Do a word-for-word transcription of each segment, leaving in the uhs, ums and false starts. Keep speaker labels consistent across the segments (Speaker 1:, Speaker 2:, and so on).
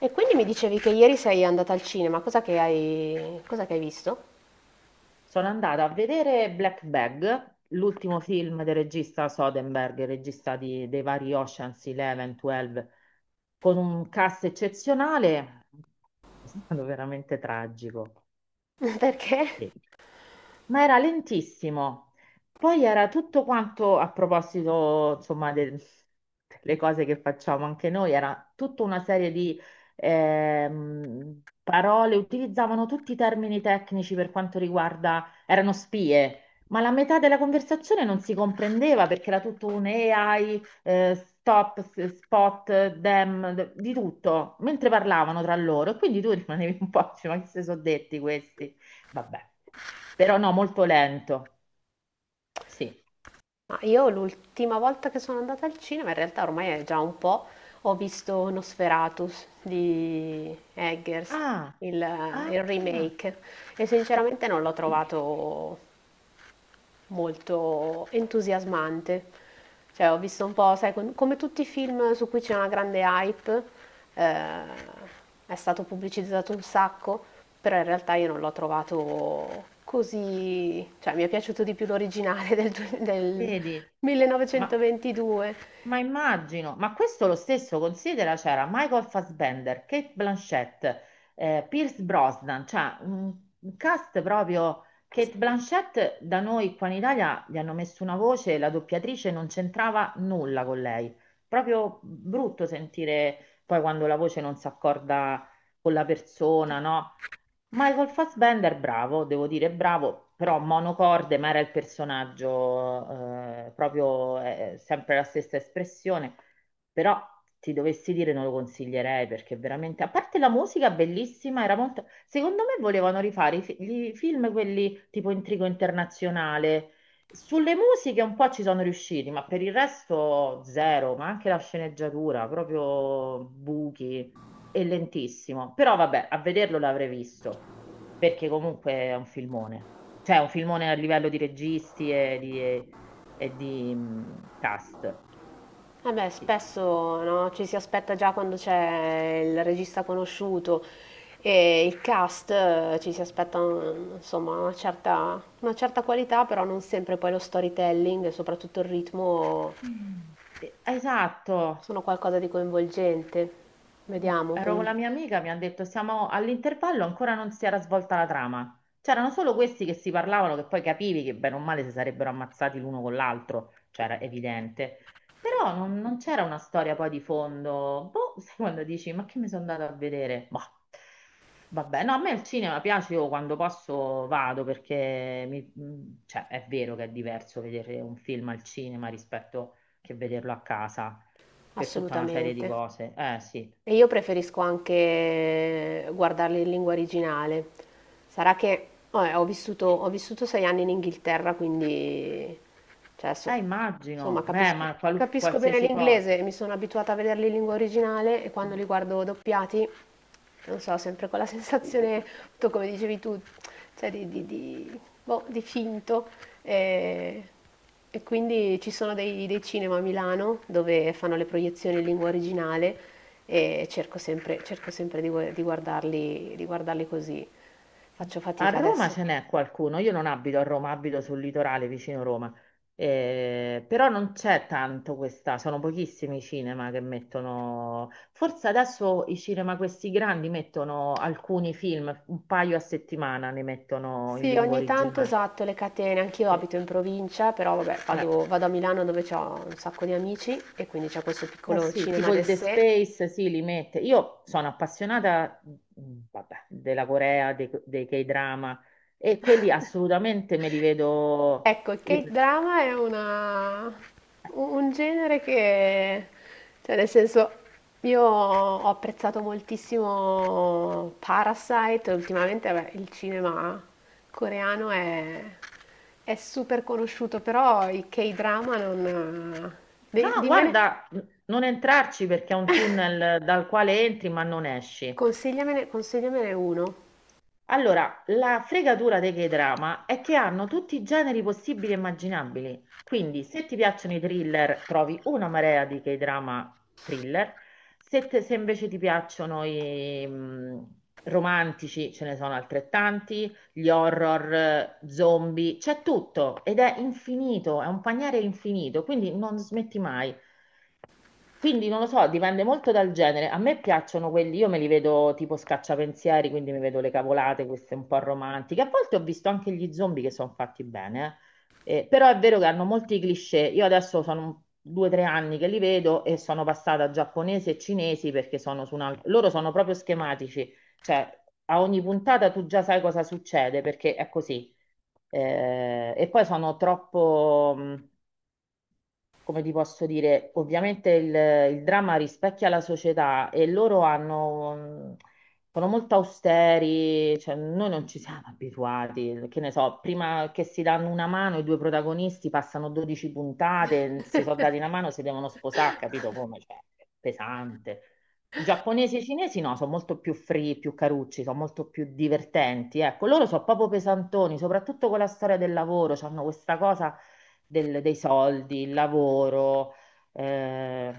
Speaker 1: E quindi mi dicevi che ieri sei andata al cinema, cosa che hai, cosa che hai visto?
Speaker 2: Sono andata a vedere Black Bag, l'ultimo film del regista Soderbergh, il regista di- dei vari Ocean's undici, dodici, con un cast eccezionale, è stato veramente tragico.
Speaker 1: Perché?
Speaker 2: Sì, ma era lentissimo. Poi era tutto quanto, a proposito, insomma, de- delle cose che facciamo anche noi, era tutta una serie di ehm, parole, utilizzavano tutti i termini tecnici per quanto riguarda, erano spie, ma la metà della conversazione non si comprendeva perché era tutto un A I, eh, stop, s- spot, them, d- di tutto, mentre parlavano tra loro, e quindi tu rimanevi un po', dici, ma che si sono detti questi? Vabbè, però no, molto lento. Sì.
Speaker 1: Ma io l'ultima volta che sono andata al cinema, in realtà ormai è già un po', ho visto Nosferatus di Eggers,
Speaker 2: Ah,
Speaker 1: il, eh, il
Speaker 2: ah,
Speaker 1: remake, e sinceramente non l'ho trovato molto entusiasmante. Cioè, ho visto un po', sai, con- come tutti i film su cui c'è una grande hype, eh, è stato pubblicizzato un sacco, però in realtà io non l'ho trovato così, cioè mi è piaciuto di più l'originale del, due- del
Speaker 2: vedi, ma,
Speaker 1: millenovecentoventidue.
Speaker 2: ma immagino, ma questo lo stesso considera, c'era Michael Fassbender, Kate Blanchett, eh, Pierce Brosnan, cioè un, un cast proprio... Kate Blanchett da noi qua in Italia gli hanno messo una voce, la doppiatrice non c'entrava nulla con lei. Proprio brutto sentire poi quando la voce non si accorda con la persona, no? Michael Fassbender, bravo, devo dire bravo, però monocorde, ma era il personaggio, eh, proprio eh, sempre la stessa espressione, però ti dovessi dire non lo consiglierei perché veramente, a parte la musica bellissima, era molto... Secondo me volevano rifare i, fi- i film, quelli tipo Intrigo Internazionale, sulle musiche un po' ci sono riusciti, ma per il resto zero, ma anche la sceneggiatura, proprio buchi, è lentissimo, però vabbè, a vederlo l'avrei visto, perché comunque è un filmone, cioè è un filmone a livello di registi e di, e di, mh, cast.
Speaker 1: Eh beh,
Speaker 2: Sì.
Speaker 1: spesso no, ci si aspetta già quando c'è il regista conosciuto e il cast, eh, ci si aspetta mm, insomma una certa, una certa qualità, però non sempre poi lo storytelling e soprattutto il ritmo
Speaker 2: Mm. Eh, esatto.
Speaker 1: sono qualcosa di coinvolgente.
Speaker 2: Mm,
Speaker 1: Vediamo, p-
Speaker 2: Ero con la mia amica, mi ha detto siamo all'intervallo, ancora non si era svolta la trama. C'erano solo questi che si parlavano, che poi capivi che bene o male si sarebbero ammazzati l'uno con l'altro, cioè era evidente. Però non, non c'era una storia poi di fondo. Boh, sai quando dici, ma che mi sono andata a vedere? Boh. Vabbè, no, a me il cinema piace, io quando posso vado perché mi- mm, cioè, è vero che è diverso vedere un film al cinema rispetto che vederlo a casa per tutta una serie di
Speaker 1: assolutamente.
Speaker 2: cose. Eh sì.
Speaker 1: E io preferisco anche guardarli in lingua originale. Sarà che vabbè, ho vissuto, ho vissuto sei anni in Inghilterra, quindi cioè, so-
Speaker 2: Eh,
Speaker 1: insomma,
Speaker 2: immagino, beh,
Speaker 1: capisco,
Speaker 2: ma qualu-
Speaker 1: capisco bene
Speaker 2: qualsiasi cosa.
Speaker 1: l'inglese e mi sono abituata a vederli in lingua originale e quando li guardo doppiati, non so, sempre quella sensazione, appunto, come dicevi tu, cioè, di, di- di- boh, di finto. E, e quindi ci sono dei, dei cinema a Milano dove fanno le proiezioni in lingua originale e cerco sempre, cerco sempre di, gu- di guardarli, di guardarli così. Faccio
Speaker 2: A
Speaker 1: fatica
Speaker 2: Roma
Speaker 1: adesso.
Speaker 2: ce n'è qualcuno, io non abito a Roma, abito sul litorale vicino Roma. Eh, però non c'è tanto questa, sono pochissimi i cinema che mettono, forse adesso i cinema questi grandi mettono alcuni film, un paio a settimana ne mettono in
Speaker 1: Sì,
Speaker 2: lingua
Speaker 1: ogni tanto
Speaker 2: originale.
Speaker 1: esatto, le catene. Anch'io
Speaker 2: Eh,
Speaker 1: abito in provincia, però vabbè,
Speaker 2: eh.
Speaker 1: vado, vado a Milano dove ho un sacco di amici e quindi c'è questo
Speaker 2: Eh
Speaker 1: piccolo
Speaker 2: sì,
Speaker 1: cinema
Speaker 2: tipo il The
Speaker 1: d'essè.
Speaker 2: Space, sì, li mette. Io sono appassionata, mh, vabbè, della Corea, dei, dei K-drama, e quelli assolutamente me li vedo
Speaker 1: Ecco, il
Speaker 2: io.
Speaker 1: K-drama è una, un un genere che, cioè nel senso, io ho apprezzato moltissimo Parasite, ultimamente vabbè, il cinema coreano è, è super conosciuto, però i K-drama non...
Speaker 2: No,
Speaker 1: di- Dimmene,
Speaker 2: guarda, mh, non entrarci perché è un tunnel dal quale entri ma non esci.
Speaker 1: consigliamene, consigliamene uno.
Speaker 2: Allora, la fregatura dei K-drama è che hanno tutti i generi possibili e immaginabili. Quindi, se ti piacciono i thriller, trovi una marea di K-drama thriller. Se, te- se invece ti piacciono i mm, romantici, ce ne sono altrettanti, gli horror, eh, zombie, c'è tutto ed è infinito, è un paniere infinito, quindi non smetti mai. Quindi non lo so, dipende molto dal genere. A me piacciono quelli, io me li vedo tipo scacciapensieri, quindi mi vedo le cavolate, queste un po' romantiche. A volte ho visto anche gli zombie che sono fatti bene, eh. Eh, però è vero che hanno molti cliché. Io adesso sono un- due o tre anni che li vedo e sono passata a giapponese e cinesi perché sono su un altro... Loro sono proprio schematici, cioè a ogni puntata tu già sai cosa succede perché è così. Eh, e poi sono troppo... mh, come ti posso dire, ovviamente il, il dramma rispecchia la società e loro hanno, mh, sono molto austeri, cioè noi non ci siamo abituati, che ne so, prima che si danno una mano i due protagonisti passano dodici puntate, si sono dati una mano, si devono sposare, capito come? Cioè, è pesante. I giapponesi e i cinesi no, sono molto più free, più carucci, sono molto più divertenti. Ecco, loro sono proprio pesantoni, soprattutto con la storia del lavoro, hanno questa cosa del- dei soldi, il lavoro, eh,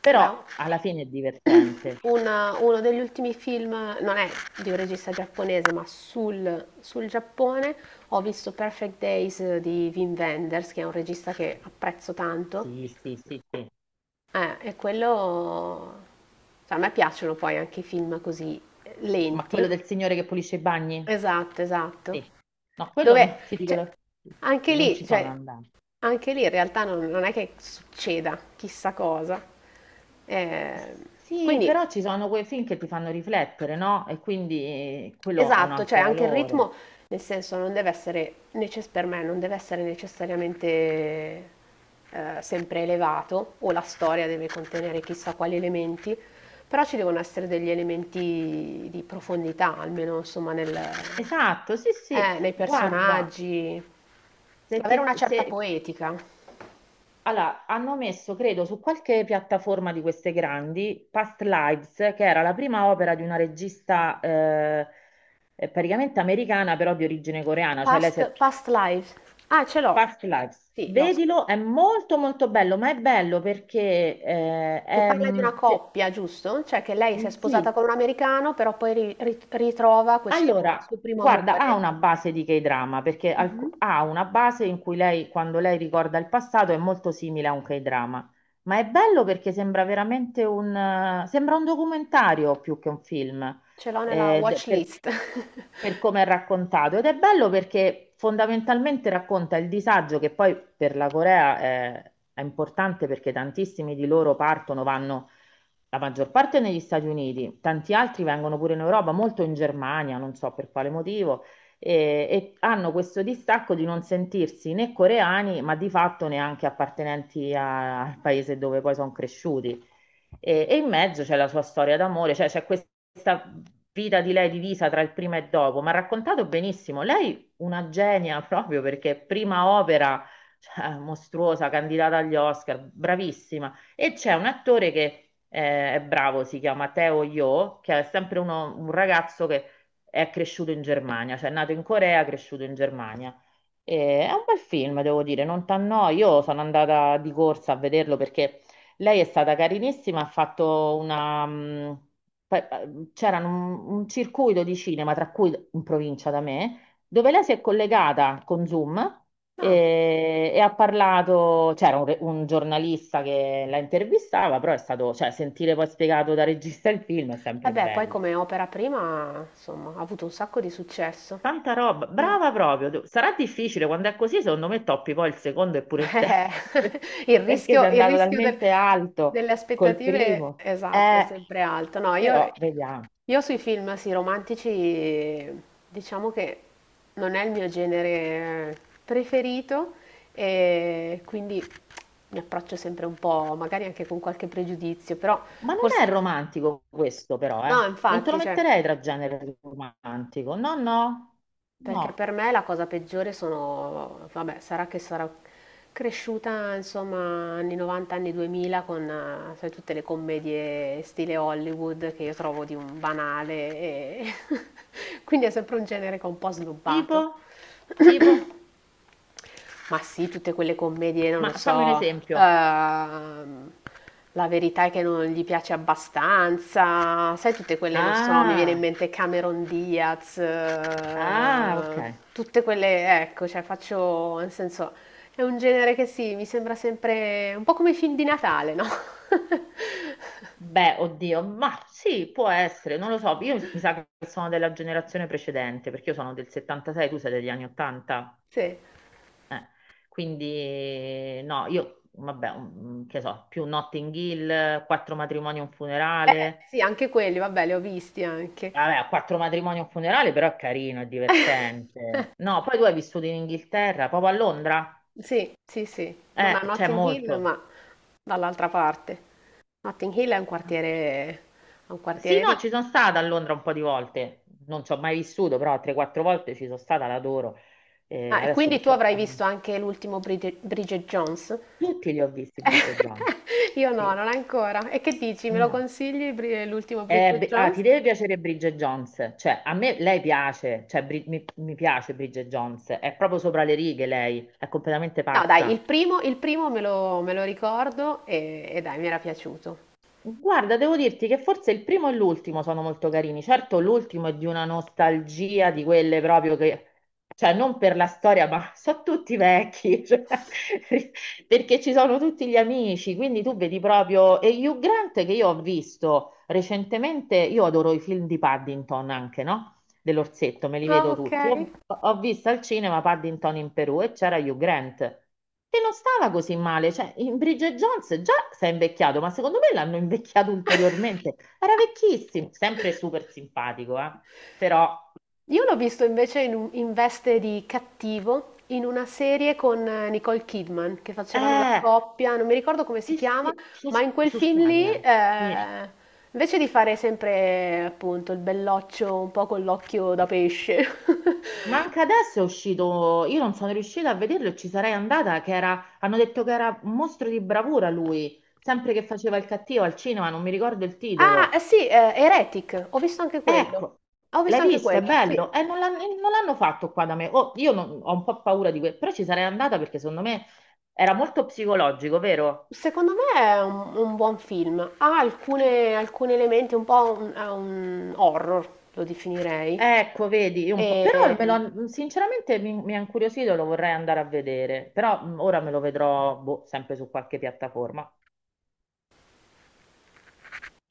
Speaker 2: però
Speaker 1: Beh,
Speaker 2: alla fine è divertente.
Speaker 1: una- uno degli ultimi film, non è di un regista giapponese, ma sul, sul Giappone, ho visto Perfect Days di Wim Wenders, che è un regista che apprezzo tanto.
Speaker 2: Sì, sì, sì, sì.
Speaker 1: Eh, e quello... cioè, a me piacciono poi anche i film così
Speaker 2: Ma
Speaker 1: lenti.
Speaker 2: quello del signore che pulisce i bagni?
Speaker 1: Esatto, esatto.
Speaker 2: Sì. No, quello
Speaker 1: Dove,
Speaker 2: no, ti dico,
Speaker 1: cioè,
Speaker 2: la-
Speaker 1: anche
Speaker 2: non ci
Speaker 1: lì,
Speaker 2: sono
Speaker 1: cioè,
Speaker 2: andata.
Speaker 1: anche lì in realtà non, non è che succeda chissà cosa. Eh,
Speaker 2: Sì,
Speaker 1: quindi
Speaker 2: però ci sono quei film che ti fanno riflettere, no? E quindi eh, quello ha un
Speaker 1: esatto, cioè
Speaker 2: altro
Speaker 1: anche il
Speaker 2: valore.
Speaker 1: ritmo, nel senso, non deve essere, necess- per me, non deve essere necessariamente eh, sempre elevato, o la storia deve contenere chissà quali elementi, però ci devono essere degli elementi di profondità, almeno insomma nel-
Speaker 2: Esatto, sì, sì.
Speaker 1: eh, nei
Speaker 2: Guarda,
Speaker 1: personaggi,
Speaker 2: se ti
Speaker 1: avere una
Speaker 2: è-
Speaker 1: certa
Speaker 2: se-
Speaker 1: poetica.
Speaker 2: allora, hanno messo, credo, su qualche piattaforma di queste grandi, Past Lives, che era la prima opera di una regista eh, eh, praticamente americana, però di origine coreana, cioè lei
Speaker 1: Past,
Speaker 2: si è...
Speaker 1: past lives. Ah, ce l'ho,
Speaker 2: Past Lives.
Speaker 1: sì, l'ho
Speaker 2: Vedilo, è molto molto bello, ma è bello perché eh,
Speaker 1: Che
Speaker 2: è,
Speaker 1: parla di una
Speaker 2: mm, se-
Speaker 1: coppia, giusto? Cioè che lei si
Speaker 2: mm,
Speaker 1: è sposata
Speaker 2: sì,
Speaker 1: con un americano, però poi ri- ri- ritrova questo
Speaker 2: allora,
Speaker 1: suo primo
Speaker 2: guarda, ha
Speaker 1: amore.
Speaker 2: una base di K-drama perché alc-
Speaker 1: Mhm.
Speaker 2: ha una base in cui lei, quando lei ricorda il passato, è molto simile a un K-drama. Ma è bello perché sembra veramente un, eh, sembra un documentario più che un film,
Speaker 1: Ce l'ho nella
Speaker 2: eh, d-
Speaker 1: watch
Speaker 2: per,
Speaker 1: list.
Speaker 2: per come è raccontato. Ed è bello perché fondamentalmente racconta il disagio che poi per la Corea è, è importante perché tantissimi di loro partono, vanno la maggior parte è negli Stati Uniti, tanti altri vengono pure in Europa, molto in Germania, non so per quale motivo, e, e hanno questo distacco di non sentirsi né coreani, ma di fatto neanche appartenenti a- al paese dove poi sono cresciuti. E, e in mezzo c'è la sua storia d'amore, cioè c'è questa vita di lei divisa tra il prima e dopo, ma ha raccontato benissimo. Lei una genia proprio perché prima opera, cioè, mostruosa, candidata agli Oscar, bravissima. E c'è un attore che eh, è bravo, si chiama Teo Yo, che è sempre uno- un ragazzo che è cresciuto in Germania, cioè è nato in Corea, cresciuto in Germania. E è un bel film, devo dire, non t'annoi. Io sono andata di corsa a vederlo perché lei è stata carinissima, ha fatto una... mh, pa- pa- C'era un, un circuito di cinema, tra cui in provincia da me, dove lei si è collegata con Zoom,
Speaker 1: Ah,
Speaker 2: eh, e ha parlato, c'era un, re- un giornalista che la intervistava, però è stato, cioè, sentire poi spiegato da regista il film è sempre
Speaker 1: vabbè, poi
Speaker 2: bello.
Speaker 1: come opera prima, insomma, ha avuto un sacco di successo.
Speaker 2: Tanta roba,
Speaker 1: Mm.
Speaker 2: brava proprio. tu- Sarà difficile quando è così, secondo me toppi poi il secondo e
Speaker 1: Eh,
Speaker 2: pure il terzo,
Speaker 1: il
Speaker 2: perché sei
Speaker 1: rischio, il
Speaker 2: andato
Speaker 1: rischio del-
Speaker 2: talmente
Speaker 1: delle
Speaker 2: alto col
Speaker 1: aspettative,
Speaker 2: primo.
Speaker 1: esatto, è
Speaker 2: Eh,
Speaker 1: sempre alto. No, io,
Speaker 2: però vediamo.
Speaker 1: io sui film, sì, romantici, diciamo che non è il mio genere preferito e quindi mi approccio sempre un po', magari anche con qualche pregiudizio, però
Speaker 2: Ma non
Speaker 1: forse...
Speaker 2: è romantico questo, però, eh.
Speaker 1: No,
Speaker 2: Non te lo
Speaker 1: infatti, cioè,
Speaker 2: metterei tra genere romantico. No, no,
Speaker 1: perché
Speaker 2: no.
Speaker 1: per me la cosa peggiore sono, vabbè, sarà che sarò cresciuta, insomma, anni novanta, anni duemila con eh, sai, tutte le commedie stile Hollywood che io trovo di un banale e quindi è sempre un genere che ho un po'
Speaker 2: Tipo?
Speaker 1: snobbato.
Speaker 2: Tipo?
Speaker 1: Ma sì, tutte quelle commedie, non lo
Speaker 2: Ma fammi un
Speaker 1: so,
Speaker 2: esempio.
Speaker 1: ehm, la verità è che non gli piace abbastanza, sai, tutte quelle, non so, mi viene in
Speaker 2: Ah,
Speaker 1: mente Cameron Diaz,
Speaker 2: ah, ok.
Speaker 1: eh, tutte quelle, ecco, cioè faccio, nel senso, è un genere che sì, mi sembra sempre un po' come i film di Natale, no?
Speaker 2: Beh, oddio, ma sì, può essere, non lo so. Io mi sa che sono della generazione precedente, perché io sono del settantasei, tu sei degli anni ottanta.
Speaker 1: Sì, eh,
Speaker 2: Eh, quindi, no, io, vabbè, mm, che so, più Notting Hill, quattro matrimoni e un funerale.
Speaker 1: sì, anche quelli, vabbè, li ho visti anche.
Speaker 2: Vabbè, quattro matrimoni e un funerale, però è carino, è divertente. No, poi tu hai vissuto in Inghilterra, proprio a Londra?
Speaker 1: Sì, sì, sì, non a
Speaker 2: Eh, c'è
Speaker 1: Notting Hill,
Speaker 2: molto.
Speaker 1: ma dall'altra parte. Notting Hill è un quartiere, è un
Speaker 2: Sì,
Speaker 1: quartiere
Speaker 2: no,
Speaker 1: ricco.
Speaker 2: ci sono stata a Londra un po' di volte, non ci ho mai vissuto, però tre quattro volte ci sono stata, l'adoro. Eh,
Speaker 1: Ah, e
Speaker 2: adesso
Speaker 1: quindi tu avrai
Speaker 2: purtroppo non...
Speaker 1: visto anche l'ultimo Brid- Bridget Jones?
Speaker 2: Tutti li ho visti Bridget Jones.
Speaker 1: Io no,
Speaker 2: Sì.
Speaker 1: non ancora. E che dici? Me lo
Speaker 2: No.
Speaker 1: consigli Bri- l'ultimo
Speaker 2: Eh,
Speaker 1: Bridget
Speaker 2: beh, ah,
Speaker 1: Jones?
Speaker 2: ti deve piacere Bridget Jones, cioè a me lei piace, cioè, Bri- mi, mi piace Bridget Jones, è proprio sopra le righe lei, è completamente
Speaker 1: No, dai,
Speaker 2: pazza.
Speaker 1: il primo, il primo me lo, me lo ricordo e, e dai, mi era piaciuto.
Speaker 2: Guarda, devo dirti che forse il primo e l'ultimo sono molto carini. Certo, l'ultimo è di una nostalgia di quelle proprio che, cioè, non per la storia, ma sono tutti vecchi, cioè, perché ci sono tutti gli amici. Quindi tu vedi proprio. E Hugh Grant che io ho visto recentemente, io adoro i film di Paddington anche, no? Dell'orsetto, me li
Speaker 1: Ah,
Speaker 2: vedo
Speaker 1: ok.
Speaker 2: tutti. Ho, ho visto al cinema Paddington in Perù e c'era Hugh Grant, che non stava così male, cioè in Bridget Jones già si è invecchiato, ma secondo me l'hanno invecchiato ulteriormente. Era vecchissimo, sempre super simpatico, eh. Però,
Speaker 1: Io l'ho visto invece in, un- in veste di cattivo in una serie con eh, Nicole Kidman che facevano la
Speaker 2: eh,
Speaker 1: coppia, non mi ricordo come si
Speaker 2: sì,
Speaker 1: chiama,
Speaker 2: sì, su,
Speaker 1: ma in quel
Speaker 2: su
Speaker 1: film
Speaker 2: Sky,
Speaker 1: lì,
Speaker 2: eh. Sì.
Speaker 1: eh, invece di fare sempre appunto il belloccio un po' con l'occhio da pesce.
Speaker 2: Ma anche adesso è uscito, io non sono riuscita a vederlo e ci sarei andata, che era, hanno detto che era un mostro di bravura lui, sempre che faceva il cattivo al cinema, non mi ricordo il
Speaker 1: Ah, eh
Speaker 2: titolo.
Speaker 1: sì, eh, Heretic, ho visto anche quello.
Speaker 2: Ecco,
Speaker 1: Ho
Speaker 2: l'hai
Speaker 1: visto anche
Speaker 2: visto, è
Speaker 1: quello,
Speaker 2: bello.
Speaker 1: sì.
Speaker 2: E non l'han- non l'hanno fatto qua da me. Oh, io non- ho un po' paura di questo, però ci sarei andata perché secondo me era molto psicologico, vero?
Speaker 1: Secondo me è un, un buon film. Ha alcune- alcuni elementi un po' un, è un horror, lo definirei.
Speaker 2: Ecco, vedi, io un po'... però me
Speaker 1: E...
Speaker 2: lo- sinceramente mi, mi ha incuriosito, lo vorrei andare a vedere, però mh, ora me lo vedrò boh, sempre su qualche piattaforma.